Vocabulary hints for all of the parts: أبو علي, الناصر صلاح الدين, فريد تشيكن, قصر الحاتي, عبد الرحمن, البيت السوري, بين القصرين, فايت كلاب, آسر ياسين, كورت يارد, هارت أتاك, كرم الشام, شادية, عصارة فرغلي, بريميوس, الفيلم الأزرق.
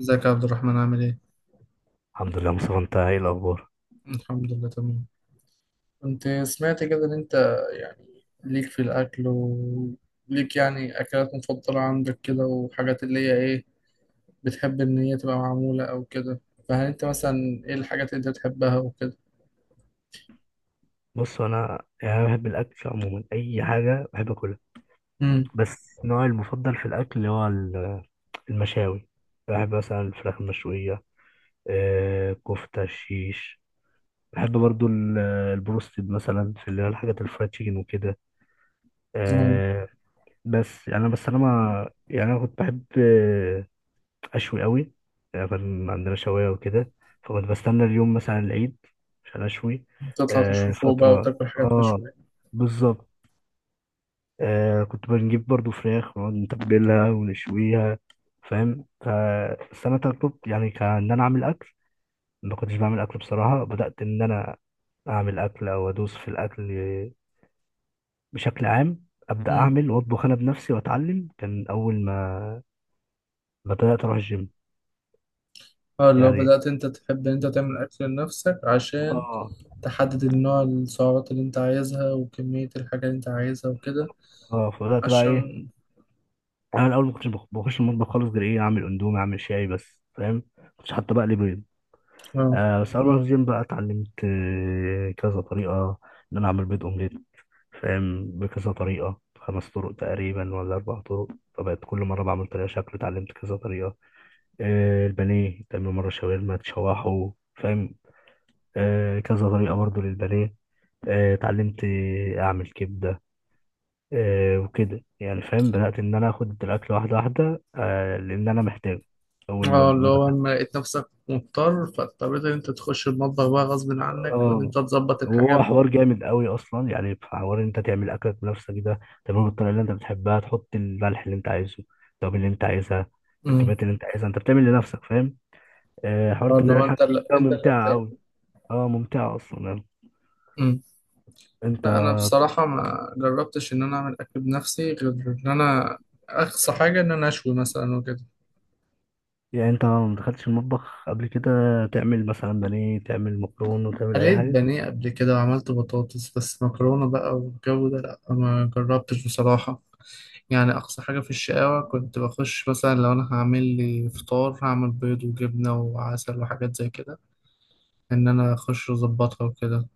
ازيك يا عبد الرحمن؟ عامل ايه؟ الحمد لله مصطفى، انت ايه الاخبار؟ الحمد لله تمام. كنت سمعت كده ان انت يعني ليك في الاكل، وليك يعني اكلات مفضلة عندك كده، وحاجات اللي هي ايه بتحب ان هي تبقى معمولة او كده، فهل انت مثلا ايه الحاجات اللي انت بتحبها وكده؟ بص انا انا بحب الاكل عموما، اي حاجه بحب اكلها. امم. بس نوعي المفضل في الاكل هو المشاوي. بحب مثلا الفراخ المشويه، كفته الشيش. بحب برضو البروستد مثلا، في اللي هي الحاجات الفرايد تشيكن وكده. اه، آه، بس يعني انا بس انا ما يعني انا كنت بحب اشوي قوي. يعني كان عندنا شوايه وكده، فكنت بستنى اليوم مثلا العيد عشان اشوي. تطلع تشوي فوق بقى فترة، وتاكل حاجات مشوية. بالظبط. آه، كنت بنجيب برضو فراخ ونقعد نتبلها ونشويها. فاهم؟ فالسنة اللي فاتت يعني كان انا اعمل اكل. ما كنتش بعمل اكل بصراحة. بدأت ان انا اعمل اكل او ادوس في الاكل بشكل عام، ابدا امم. اعمل واطبخ انا بنفسي واتعلم. كان اول ما بدات اروح الجيم. اه، لو يعني، بدأت انت تحب ان انت تعمل اكل لنفسك عشان اه. تحدد النوع، السعرات اللي انت عايزها وكمية الحاجة اللي انت عايزها وكده اه، فبدات بقى ايه؟ عشان انا الاول ما كنتش بخش المطبخ خالص، غير ايه، اعمل اندومي، اعمل شاي بس. فاهم؟ ما كنتش حتى بقلي بيض. اه. آه، بس أنا في الجيم بقى اتعلمت كذا طريقة إن أنا أعمل بيض أومليت. فاهم؟ بكذا طريقة، خمس طرق تقريبا ولا أربع طرق. فبقت كل مرة بعمل طريقة شكل، اتعلمت كذا طريقة. آه، البانيه تعمل مرة شاورما، تشوحه. فاهم؟ آه، كذا طريقة برضو للبانيه. اتعلمت أعمل كبدة. آه، وكده يعني. فاهم؟ بدأت إن أنا آخد الأكل واحدة واحدة. آه، لأن أنا محتاج. أول ما اه، اللي ما هو دخلت، لما لقيت نفسك مضطر فاضطريت ان انت تخش المطبخ بقى غصب عنك وان انت اه. تظبط وهو الحاجات. حوار جامد قوي اصلا. يعني في حوار ان انت تعمل اكلك بنفسك، ده تعمله بالطريقه اللي انت بتحبها، تحط الملح اللي انت عايزه، التوابل اللي انت عايزها، امم. بالكميات اللي انت عايزها. انت بتعمل لنفسك، فاهم؟ حوار اه، انت اللي هو بتعمل حاجه، انت اللي ده انت اللي ممتعه قوي. هتاكل. اه، ممتعه اصلا يعني. امم. انت، لا، انا بصراحة ما جربتش ان انا اعمل اكل بنفسي غير ان انا اقصى حاجة ان انا اشوي مثلا وكده. يعني انت ما دخلتش المطبخ قبل كده تعمل مثلا بانيه، تعمل مكرونه وتعمل اي قليت حاجه؟ بانيه قبل كده وعملت بطاطس، بس مكرونة بقى والجو ده لا ما جربتش بصراحة. يعني أقصى حاجة في الشقاوة كنت بخش مثلا لو أنا هعمل لي فطار، هعمل بيض وجبنة وعسل وحاجات زي كده، ان انا اخش اظبطها وكده.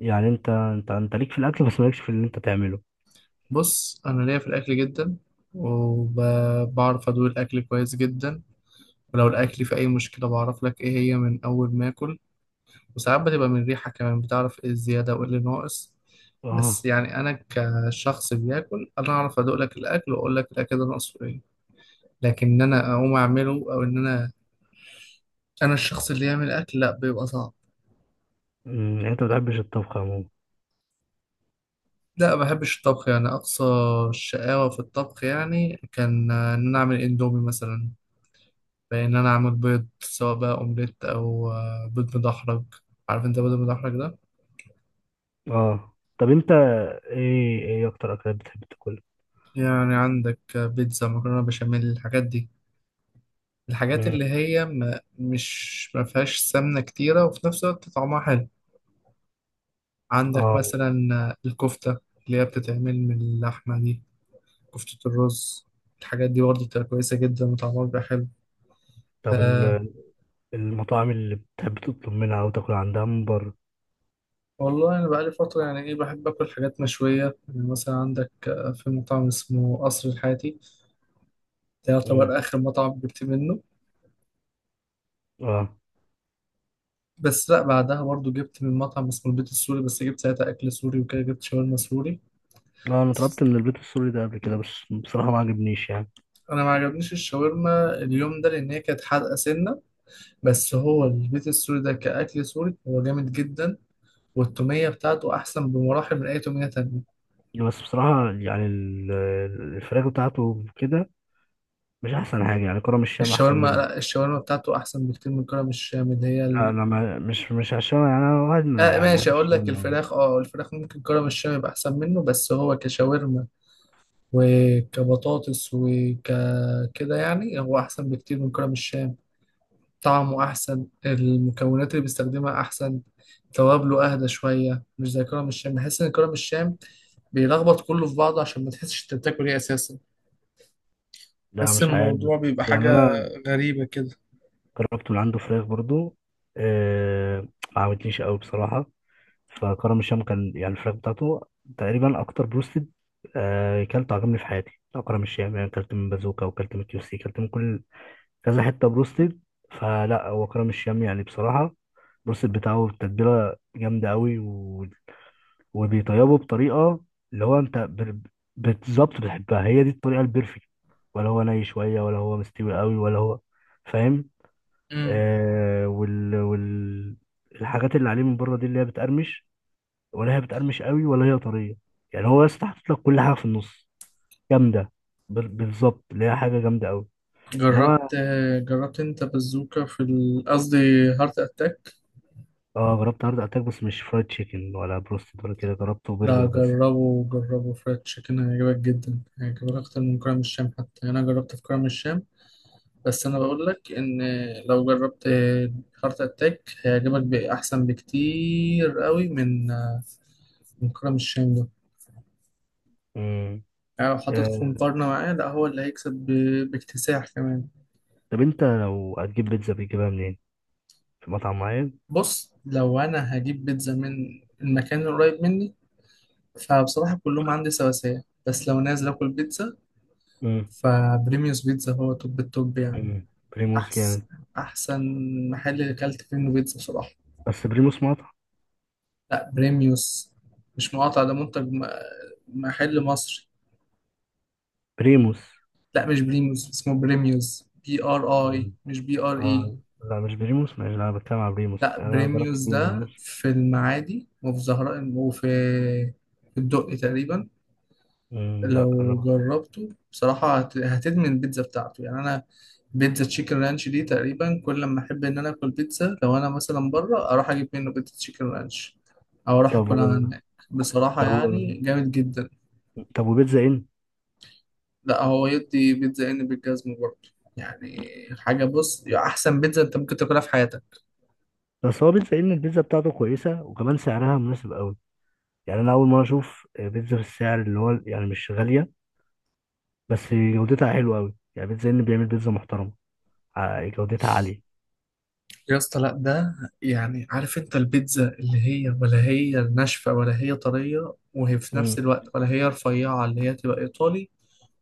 يعني انت ليك في الاكل، بس مالكش في اللي انت تعمله؟ بص، انا ليا في الاكل جدا، وبعرف ادوق الاكل كويس جدا، ولو الاكل في اي مشكله بعرف لك ايه هي من اول ما اكل، وساعات بتبقى من الريحه كمان بتعرف ايه الزياده وايه اللي ناقص. بس اه. يعني انا كشخص بياكل انا اعرف ادوق لك الاكل واقول لك الاكل ده ناقصه ايه، لكن ان انا اقوم اعمله او ان انا الشخص اللي يعمل اكل لا، بيبقى صعب. أمم، يعني انت ما بتحبش الطبخ عموما؟ لا، ما بحبش الطبخ. يعني اقصى الشقاوه في الطبخ يعني كان ان انا اعمل اندومي مثلا، بان انا اعمل بيض سواء بقى اومليت او بيض مدحرج. عارف انت بيض مدحرج ده؟ اه. طب انت، ايه ايه اكتر اكلات بتحب تاكلها؟ يعني عندك بيتزا، مكرونه بشاميل، الحاجات دي. الحاجات مم. اللي هي ما فيهاش سمنه كتيره وفي نفس الوقت طعمها حلو. عندك اه، مثلا الكفته اللي هي بتتعمل من اللحمه دي، كفته الرز، الحاجات دي برضه بتبقى كويسه جدا وطعمها بيبقى حلو. طب أه. المطاعم اللي بتحب تطلب منها او تاكل عندها من بره؟ والله انا بقالي فتره يعني ايه، بحب اكل حاجات مشويه. يعني مثلا عندك في مطعم اسمه قصر الحاتي، ده مم. يعتبر آخر مطعم جبت منه. اه. بس لا، بعدها برضو جبت من مطعم اسمه البيت السوري، بس جبت ساعتها أكل سوري وكده، جبت شاورما سوري. لا، انا طلبت من البيت السوري ده قبل كده، بس بصراحه ما عجبنيش يعني. أنا ما عجبنيش الشاورما اليوم ده لأن هي كانت حادقة سنة، بس هو البيت السوري ده كأكل سوري هو جامد جدا، والتومية بتاعته أحسن بمراحل من أي تومية تانية. بس بصراحه يعني الفراخ بتاعته كده مش احسن حاجه. يعني كرم الشام احسن الشاورما، منه. لا الشاورما بتاعته أحسن بكتير من كرم الشام اللي هي لا ال... انا، ما مش مش عشان يعني انا واحد آه يعني ماشي، بحب أقول لك الشام أوي. الفراخ، أه الفراخ ممكن كرم الشام يبقى أحسن منه، بس هو كشاورما وكبطاطس وكده يعني هو أحسن بكتير من كرم الشام. طعمه أحسن، المكونات اللي بيستخدمها أحسن، توابله أهدى شوية مش زي كرم الشام. بحس إن كرم الشام بيلخبط كله في بعضه عشان ما تحسش أنت بتاكل إيه أساسا. لا، بحس مش عارف. الموضوع بيبقى يعني حاجة انا غريبة كده. جربت من عنده فراخ برضو، آه. ما عجبتنيش قوي بصراحه. فكرم الشام كان يعني الفراخ بتاعته تقريبا اكتر بروستد آه كلته عجبني في حياتي، بتاع كرم الشام. يعني كلت من بازوكا، وكلت من كيو سي، كلت من كل كذا حته بروستد. فلا، هو كرم الشام يعني بصراحه، البروستد بتاعه تتبيله جامده قوي، وبيطيبه بطريقه اللي بالظبط بتحبها. هي دي الطريقه البيرفكت. ولا هو ني شويه، ولا هو مستوي قوي ولا هو. فاهم؟ مم. آه وال... وال الحاجات اللي عليه من بره دي اللي هي بتقرمش، ولا هي بتقرمش قوي ولا هي طريه. يعني هو بس حاطط لك كل حاجه في النص. جامده، بالظبط. اللي هي حاجه جامده قوي. انما، جربت جربت أنت بازوكا في قصدي هارت أتاك؟ اه، جربت هارد اتاك بس مش فرايد تشيكن ولا بروستد ولا كده، جربته لا، برجر بس. جربه فريد تشيكن هيعجبك جدا، هيعجبك أكتر من كرم الشام حتى. يعني أنا جربت في كرم الشام، بس انا بقول لك ان لو جربت هارت اتاك هيعجبك باحسن بكتير قوي من كرم الشام ده. امم. يعني لو حطيته في آه، مقارنة معاه لا هو اللي هيكسب باكتساح كمان. طب انت لو هتجيب بيتزا بتجيبها منين؟ في مطعم معين؟ بص، لو انا هجيب بيتزا من المكان القريب مني فبصراحة كلهم عندي سواسية، بس لو نازل اكل بيتزا امم. فبريميوس بيتزا هو توب التوب يعني. امم، بريموس احسن جامد. احسن محل اكلت فيه منه بيتزا بصراحة. بس بريموس مطعم؟ لا بريميوس، مش مقاطع، ده محل مصري. بريموس. لا، مش بريميوس اسمه بريميوس، بي ار اي أمم. مش بي ار اي. آه، لا مش بريموس. مش انا بتكلم على بريموس؟ لا يعني انا جربت بريميوس ده بريموس. في المعادي وفي زهراء وفي الدقي تقريبا. أمم. لا لو انا، جربته بصراحة هتدمن البيتزا بتاعته. يعني أنا بيتزا تشيكن رانش دي تقريبا كل لما أحب إن أنا آكل بيتزا، لو أنا مثلا بره أروح أجيب منه بيتزا تشيكن رانش أو أروح طب أكلها هناك. بصراحة طب و... يعني جامد جدا. طب وبيتزا ان؟ لا هو يدي بيتزا ان بالجزمه برضه يعني. حاجه، بص، يعني احسن بيتزا انت ممكن تاكلها في حياتك. بس هو بيتزا إيه؟ ان البيتزا بتاعته كويسه، وكمان سعرها مناسب قوي. يعني انا اول مره اشوف بيتزا في السعر اللي هو يعني مش غاليه، بس جودتها حلوه قوي. يعني بيتزا ان بيعمل بيتزا محترمه، جودتها عاليه. يا اسطى لا، ده يعني عارف انت البيتزا اللي هي ناشفه ولا هي طريه وهي في نفس امم. الوقت، ولا هي رفيعه اللي هي تبقى ايطالي،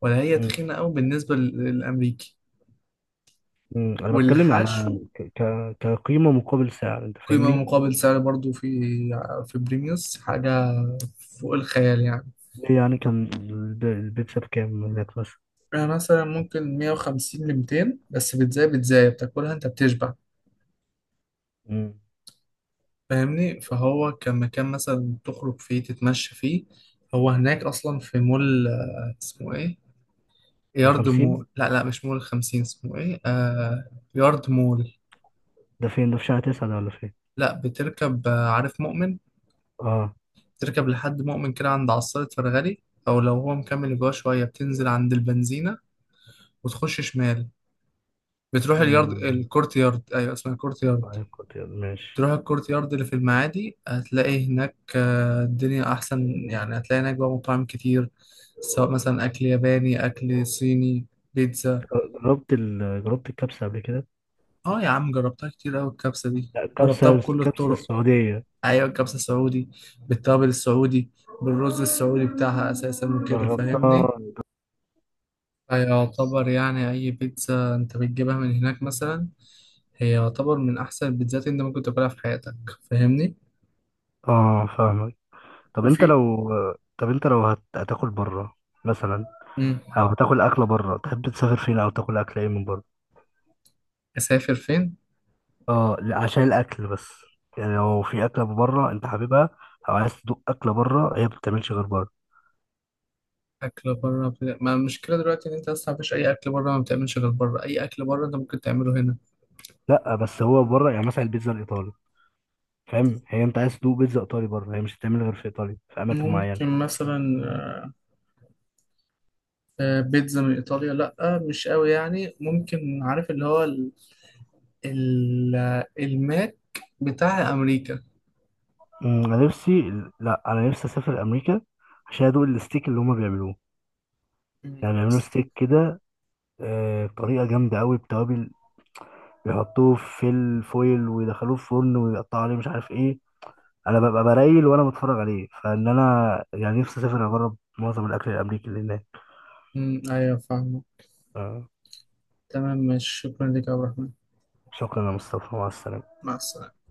ولا هي امم. تخينه قوي بالنسبه للامريكي، امم، انا بتكلم على والحشو. كقيمه مقابل سعر، انت قيمه فاهمني؟ مقابل سعر برضه في بريميوس حاجه فوق الخيال يعني. ليه يعني، كان البيتزا بكام هناك مثلا؟ يعني مثلا ممكن 150 ل 200، بس بيتزا بتاكلها انت بتشبع. امم. فاهمني؟ فهو كان مكان مثلا تخرج فيه تتمشى فيه. هو هناك اصلا في مول اسمه ايه؟ يارد 50؟ مول. لا مش مول خمسين، اسمه ايه؟ آه يارد مول. ده فين، ده في شهر 9 ده ولا فين؟ لا، بتركب عارف مؤمن؟ اه. بتركب لحد مؤمن كده، عند عصارة فرغلي، او لو هو مكمل جوه شوية بتنزل عند البنزينة وتخش شمال، بتروح اليارد. امم، الكورت يارد ايوه، اسمها كورت يارد. طيب. كنت ماشي، تروح الكورت يارد اللي في المعادي، هتلاقي هناك الدنيا أحسن يعني. هتلاقي هناك بقى مطاعم كتير، سواء مثلا أكل ياباني، أكل صيني، بيتزا. جربت ال... جربت الكبسه قبل كده؟ اه يا عم، جربتها كتير أوي الكبسة دي، لا، جربتها بكل الكبسه الطرق. السعوديه. أيوة الكبسة السعودي، بالتوابل السعودي، بالرز السعودي بتاعها أساسا وكده فاهمني. جربتها؟ فيعتبر يعني أي بيتزا أنت بتجيبها من هناك مثلا هي يعتبر من أحسن البيتزات اللي أنت ممكن تاكلها في حياتك. فاهمني؟ اه، فاهمك. طب انت وفي. لو، طب انت لو هتاكل بره مثلا، مم. او هتاكل اكله بره، تحب تسافر فين او تاكل اكل ايه من بره؟ أسافر فين؟ اه لا، عشان الاكل بس. يعني لو في اكله بره انت حاببها، او عايز تدوق اكله بره هي ما بتتعملش غير بره. اكل بره، ما المشكله دلوقتي ان انت اصلا مفيش اي اكل بره ما بتعملش غير بره. اي اكل بره انت ممكن تعمله هنا. لا بس هو بره يعني مثلا البيتزا الايطالي. فاهم؟ هي انت عايز تدوق بيتزا ايطالي بره، هي مش هتتعمل غير في ايطاليا، في اماكن معينه. ممكن مثلا بيتزا من ايطاليا، لا مش قوي يعني. ممكن عارف اللي هو ال... ال... الماك بتاع امريكا. أمم، انا نفسي. لا انا نفسي اسافر امريكا عشان ادوق الستيك اللي هما بيعملوه. مم. يعني بيعملوا ستيك كده بطريقه جامده قوي، بتوابل. بيحطوه في الفويل ويدخلوه في فرن ويقطعوا عليه مش عارف ايه. انا ببقى برايل وانا بتفرج عليه، فان انا يعني نفسي اسافر اجرب معظم الاكل الامريكي اللي هناك. مم، ايوه فاهمه. آه، تمام ماشي، شكرا لك يا عبد الرحمن. شكرا يا مصطفى، مع السلامه. مع السلامه.